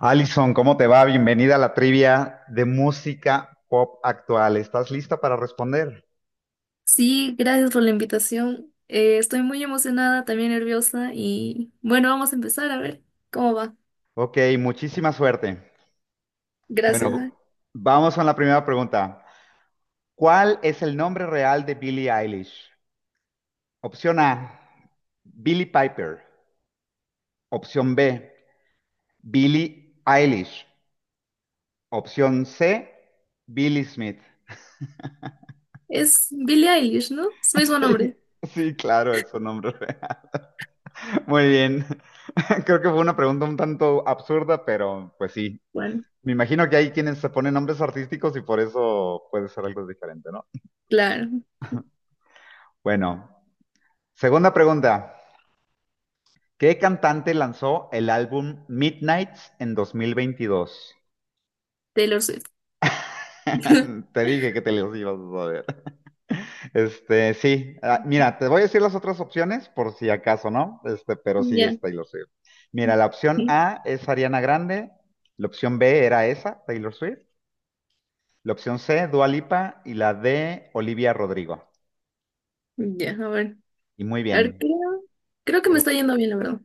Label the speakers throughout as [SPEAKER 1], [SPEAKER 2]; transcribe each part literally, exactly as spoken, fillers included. [SPEAKER 1] Alison, ¿cómo te va? Bienvenida a la trivia de música pop actual. ¿Estás lista para responder?
[SPEAKER 2] Sí, gracias por la invitación. Eh, estoy muy emocionada, también nerviosa y bueno, vamos a empezar a ver cómo va.
[SPEAKER 1] Ok, muchísima suerte.
[SPEAKER 2] Gracias.
[SPEAKER 1] Bueno,
[SPEAKER 2] ah.
[SPEAKER 1] vamos con la primera pregunta. ¿Cuál es el nombre real de Billie Eilish? Opción A, Billie Piper. Opción B, Billie Eilish. Opción C, Billie Smith.
[SPEAKER 2] Es Billie Eilish, ¿no? Es su mismo nombre.
[SPEAKER 1] Sí, claro, es su nombre real. Muy bien. Creo que fue una pregunta un tanto absurda, pero pues sí.
[SPEAKER 2] Bueno,
[SPEAKER 1] Me imagino que hay quienes se ponen nombres artísticos y por eso puede ser algo diferente, ¿no?
[SPEAKER 2] claro,
[SPEAKER 1] Bueno, segunda pregunta. ¿Qué cantante lanzó el álbum Midnights en dos mil veintidós?
[SPEAKER 2] Taylor Swift.
[SPEAKER 1] Te dije que te los ibas a saber. Este, sí, ah, mira, te voy a decir las otras opciones por si acaso, ¿no? Este, pero sí es
[SPEAKER 2] Ya,
[SPEAKER 1] Taylor Swift. Mira, la opción A es Ariana Grande, la opción B era esa, Taylor Swift, la opción C, Dua Lipa y la D, Olivia Rodrigo.
[SPEAKER 2] ya, a ver.
[SPEAKER 1] Y muy
[SPEAKER 2] A ver,
[SPEAKER 1] bien.
[SPEAKER 2] creo, creo que me está yendo bien, la verdad.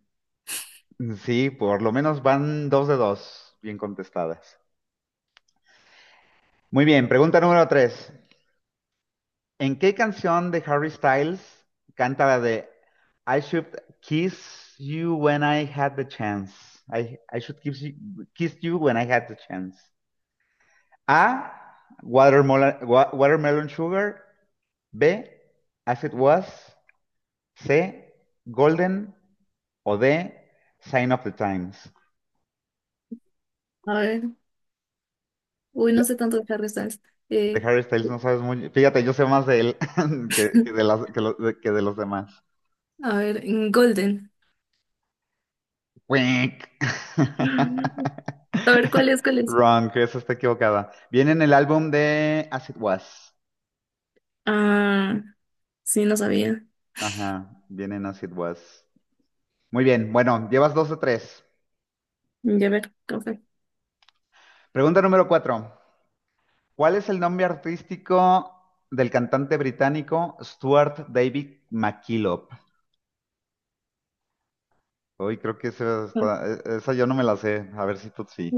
[SPEAKER 1] Sí, por lo menos van dos de dos bien contestadas. Muy bien, pregunta número tres. ¿En qué canción de Harry Styles canta la de I should kiss you when I had the chance? I, I should kiss you, kiss you when I had the chance. A. Watermelon, wa- watermelon sugar. B. As it was. C. Golden. O D. Sign of the Times.
[SPEAKER 2] A ver, uy, no sé tanto de Harry Styles.
[SPEAKER 1] De
[SPEAKER 2] Eh,
[SPEAKER 1] Harry Styles no sabes muy. Fíjate, yo sé más de él que, que de las, que, lo- de, que de los demás.
[SPEAKER 2] a ver, en Golden.
[SPEAKER 1] Wink.
[SPEAKER 2] A ver, ¿cuál es? ¿Cuál es?
[SPEAKER 1] Wrong, esa está equivocada. Viene en el álbum de As It Was.
[SPEAKER 2] Ah, sí, no sabía.
[SPEAKER 1] Ajá, viene en As It Was. Muy bien, bueno, llevas dos de tres.
[SPEAKER 2] Ya ver, café.
[SPEAKER 1] Pregunta número cuatro. ¿Cuál es el nombre artístico del cantante británico Stuart David McKillop? Hoy creo que esa, está- e-, esa yo no me la sé. A ver si tú sí.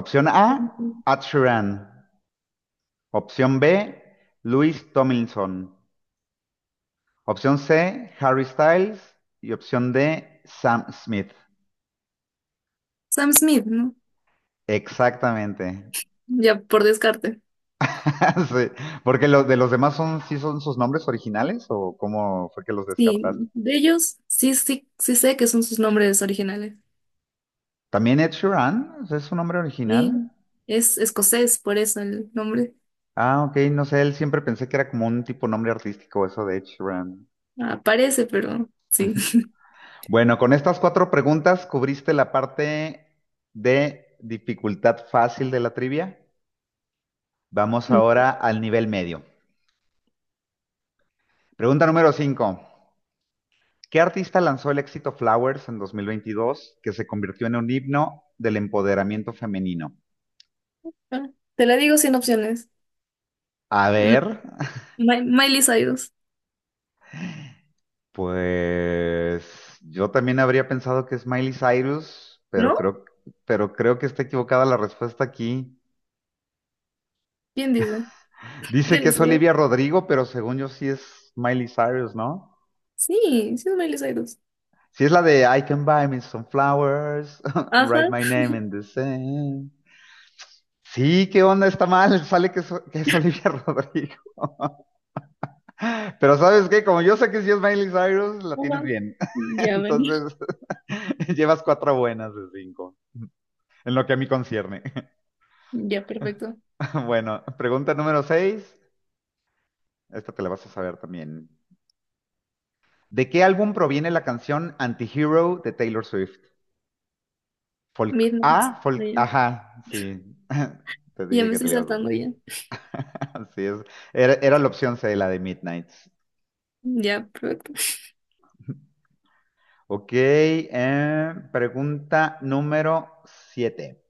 [SPEAKER 1] Opción A, Ed Sheeran. Opción B, Luis Tomlinson. Opción C, Harry Styles. Y opción D, Sam Smith.
[SPEAKER 2] Sam Smith, ¿no?
[SPEAKER 1] Exactamente.
[SPEAKER 2] Ya por descarte.
[SPEAKER 1] Sí, porque los de los demás son, sí son sus nombres originales, o ¿cómo fue que los descartaste?
[SPEAKER 2] Sí, de ellos sí, sí, sí sé que son sus nombres originales.
[SPEAKER 1] También Ed Sheeran, ¿es su nombre
[SPEAKER 2] Y
[SPEAKER 1] original?
[SPEAKER 2] es escocés, por eso el nombre
[SPEAKER 1] Ah, ok, no sé, él siempre pensé que era como un tipo nombre artístico eso de Ed Sheeran.
[SPEAKER 2] aparece, pero sí.
[SPEAKER 1] Bueno, con estas cuatro preguntas cubriste la parte de dificultad fácil de la trivia. Vamos
[SPEAKER 2] Mm.
[SPEAKER 1] ahora al nivel medio. Pregunta número cinco: ¿Qué artista lanzó el éxito Flowers en dos mil veintidós que se convirtió en un himno del empoderamiento femenino?
[SPEAKER 2] Te la digo sin opciones.
[SPEAKER 1] A ver,
[SPEAKER 2] M- Mi- Miley Cyrus,
[SPEAKER 1] pues yo también habría pensado que es Miley Cyrus, pero
[SPEAKER 2] ¿no?
[SPEAKER 1] creo, pero creo que está equivocada la respuesta aquí.
[SPEAKER 2] ¿Quién dice?
[SPEAKER 1] Dice
[SPEAKER 2] ¿Quién
[SPEAKER 1] que es
[SPEAKER 2] dice?
[SPEAKER 1] Olivia Rodrigo, pero según yo sí es Miley Cyrus, ¿no?
[SPEAKER 2] Sí, sí es Miley Cyrus.
[SPEAKER 1] Sí es la de I can buy me some flowers,
[SPEAKER 2] Ajá,
[SPEAKER 1] write my name in the sand. Sí, ¿qué onda? Está mal, sale que es, que es Olivia Rodrigo. Pero ¿sabes qué? Como yo sé que si es Miley Cyrus, la tienes
[SPEAKER 2] ajá.
[SPEAKER 1] bien.
[SPEAKER 2] Ya, ven,
[SPEAKER 1] Entonces, llevas cuatro buenas de cinco, en lo que a mí concierne.
[SPEAKER 2] ya, perfecto.
[SPEAKER 1] Bueno, pregunta número seis, esta te la vas a saber también. ¿De qué álbum proviene la canción Antihero de Taylor Swift? Folk
[SPEAKER 2] Midnight.
[SPEAKER 1] A, folk,
[SPEAKER 2] Ya,
[SPEAKER 1] ajá, sí. Te
[SPEAKER 2] ya
[SPEAKER 1] dije
[SPEAKER 2] me
[SPEAKER 1] que te
[SPEAKER 2] estoy
[SPEAKER 1] la ibas a
[SPEAKER 2] saltando ya.
[SPEAKER 1] así es. Era, era la opción C, la de Midnight.
[SPEAKER 2] Ya, perfecto.
[SPEAKER 1] Ok, eh, pregunta número siete.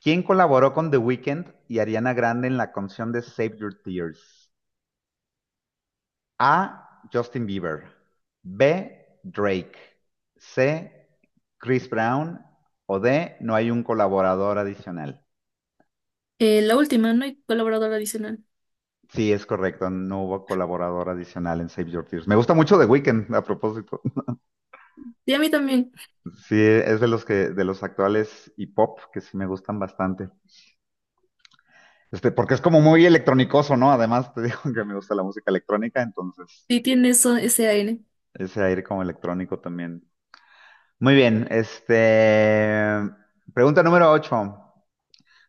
[SPEAKER 1] ¿Quién colaboró con The Weeknd y Ariana Grande en la canción de Save Your Tears? A. Justin Bieber. B. Drake. C. Chris Brown. O D. No hay un colaborador adicional.
[SPEAKER 2] Eh, la última, no hay colaborador adicional.
[SPEAKER 1] Sí, es correcto. No hubo colaborador adicional en Save Your Tears. Me gusta mucho The Weeknd, a propósito.
[SPEAKER 2] Y a mí también.
[SPEAKER 1] Sí, es de los que, de los actuales y pop que sí me gustan bastante. Este, porque es como muy electrónicoso, ¿no? Además, te digo que me gusta la música electrónica, entonces
[SPEAKER 2] Sí tiene eso, ese aire.
[SPEAKER 1] ese aire como electrónico también. Muy bien, este. Pregunta número ocho.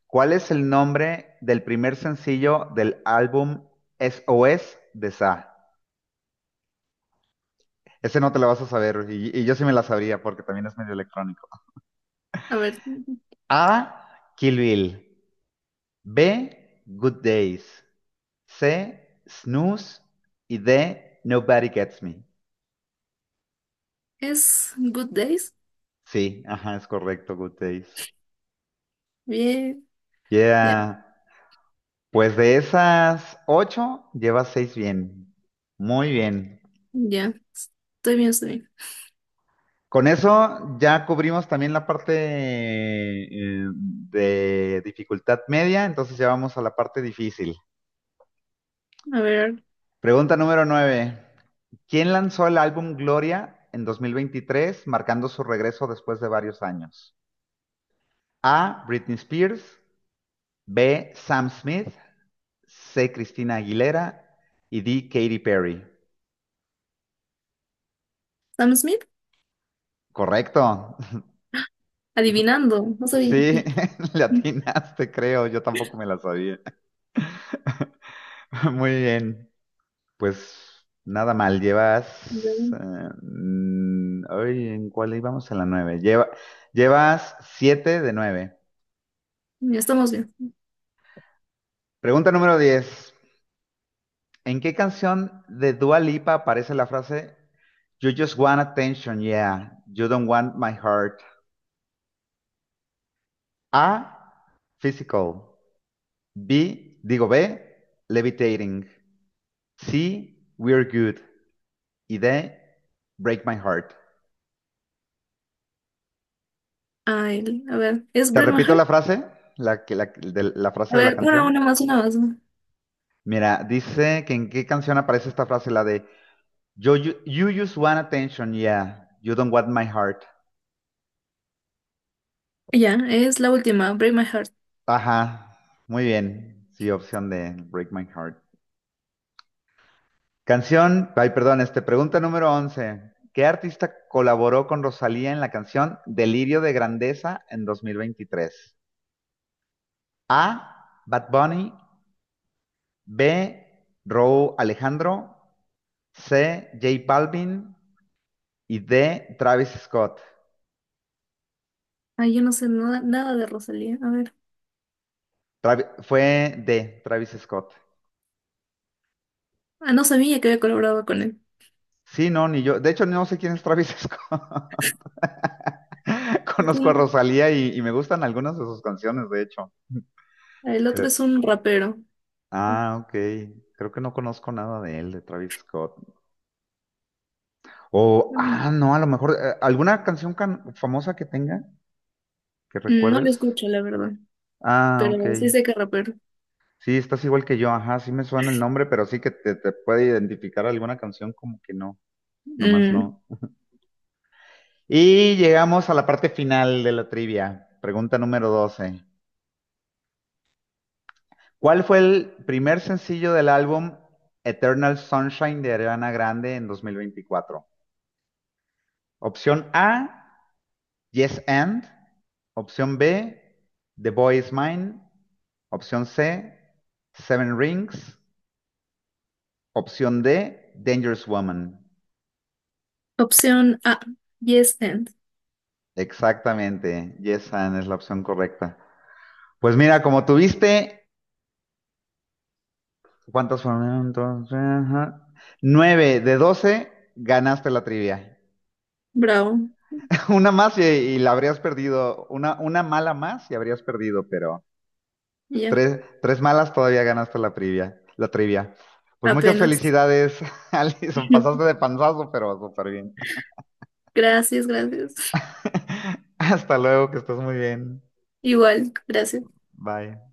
[SPEAKER 1] ¿Cuál es el nombre del primer sencillo del álbum S O S de Sa? Ese no te lo vas a saber, y, y yo sí me la sabría porque también es medio electrónico.
[SPEAKER 2] A ver,
[SPEAKER 1] A. Kill Bill. B. Good Days. C. Snooze. Y D. Nobody Gets Me.
[SPEAKER 2] es Good Days.
[SPEAKER 1] Sí, ajá, es correcto, Good Days.
[SPEAKER 2] Bien, ya,
[SPEAKER 1] Yeah. Pues de esas ocho, llevas seis bien. Muy bien.
[SPEAKER 2] ya. Estoy bien, estoy bien.
[SPEAKER 1] Con eso ya cubrimos también la parte eh, de dificultad media, entonces ya vamos a la parte difícil.
[SPEAKER 2] A ver,
[SPEAKER 1] Pregunta número nueve. ¿Quién lanzó el álbum Gloria en dos mil veintitrés, marcando su regreso después de varios años? A. Britney Spears. B. Sam Smith. C. Cristina Aguilera y D. Katy Perry.
[SPEAKER 2] Sam Smith,
[SPEAKER 1] Correcto.
[SPEAKER 2] adivinando. No sabía.
[SPEAKER 1] Sí,
[SPEAKER 2] Ya,
[SPEAKER 1] le atinaste, creo. Yo tampoco me la sabía. Muy bien. Pues nada mal.
[SPEAKER 2] ya,
[SPEAKER 1] Llevas. Eh, mm, ay, ¿en cuál íbamos? En la nueve. Lleva, llevas siete de nueve.
[SPEAKER 2] ya estamos bien.
[SPEAKER 1] Pregunta número diez. ¿En qué canción de Dua Lipa aparece la frase You just want attention, yeah. You don't want my heart? A. Physical. B, digo B, Levitating. C, We're Good. Y D, Break My Heart.
[SPEAKER 2] Ah, el- a ver, es
[SPEAKER 1] Te
[SPEAKER 2] Break My
[SPEAKER 1] repito
[SPEAKER 2] Heart.
[SPEAKER 1] la frase, la, que- la- de- la frase
[SPEAKER 2] A
[SPEAKER 1] de la
[SPEAKER 2] ver, una,
[SPEAKER 1] canción.
[SPEAKER 2] una más, una más, ¿no?
[SPEAKER 1] Mira, dice que en qué canción aparece esta frase, la de "Yo- you, you just want attention, yeah. You don't want my heart".
[SPEAKER 2] Ya, es la última, Break My Heart.
[SPEAKER 1] Ajá, muy bien. Sí, opción de Break My Heart. Canción, ay, perdón, este, pregunta número once. ¿Qué artista colaboró con Rosalía en la canción Delirio de Grandeza en dos mil veintitrés? A. Bad Bunny. B. Raúl Alejandro. C. J Balvin. Y D. Travis Scott.
[SPEAKER 2] Ah, yo no sé nada, nada de Rosalía. A ver.
[SPEAKER 1] Travi- fue D. Travis Scott.
[SPEAKER 2] Ah, no sabía que había colaborado con él.
[SPEAKER 1] Sí, no, ni yo. De hecho, no sé quién es Travis Scott.
[SPEAKER 2] Es
[SPEAKER 1] Conozco a
[SPEAKER 2] un-
[SPEAKER 1] Rosalía y, y me gustan algunas de sus canciones, de hecho.
[SPEAKER 2] el otro es
[SPEAKER 1] Pero
[SPEAKER 2] un rapero.
[SPEAKER 1] ah, ok. Creo que no conozco nada de él, de Travis Scott. O, ah, no, a lo mejor, eh, ¿alguna canción can- famosa que tenga, que
[SPEAKER 2] Mm, no lo
[SPEAKER 1] recuerdes?
[SPEAKER 2] escucho, la verdad,
[SPEAKER 1] Ah,
[SPEAKER 2] pero
[SPEAKER 1] ok.
[SPEAKER 2] sí sé que rapero.
[SPEAKER 1] Sí, estás igual que yo, ajá, sí me suena el nombre, pero sí que te, te puede identificar alguna canción, como que no, nomás
[SPEAKER 2] Mm,
[SPEAKER 1] no. Y llegamos a la parte final de la trivia, pregunta número doce. ¿Cuál fue el primer sencillo del álbum Eternal Sunshine de Ariana Grande en dos mil veinticuatro? Opción A, Yes and. Opción B, The Boy Is Mine. Opción C, Seven Rings. Opción D, Dangerous Woman.
[SPEAKER 2] opción A, Yes and.
[SPEAKER 1] Exactamente, Yesan es la opción correcta. Pues mira, como tuviste, ¿cuántas fueron entonces? Ajá. Nueve de doce, ganaste la trivia.
[SPEAKER 2] Bravo,
[SPEAKER 1] Una más y, y la habrías perdido, una, una mala más y habrías perdido, pero
[SPEAKER 2] ya,
[SPEAKER 1] tres, tres malas todavía ganaste la trivia, la trivia. Pues muchas
[SPEAKER 2] apenas.
[SPEAKER 1] felicidades, Alison, pasaste de panzazo, pero súper bien.
[SPEAKER 2] Gracias, gracias.
[SPEAKER 1] Hasta luego, que estés muy bien.
[SPEAKER 2] Igual, gracias.
[SPEAKER 1] Bye.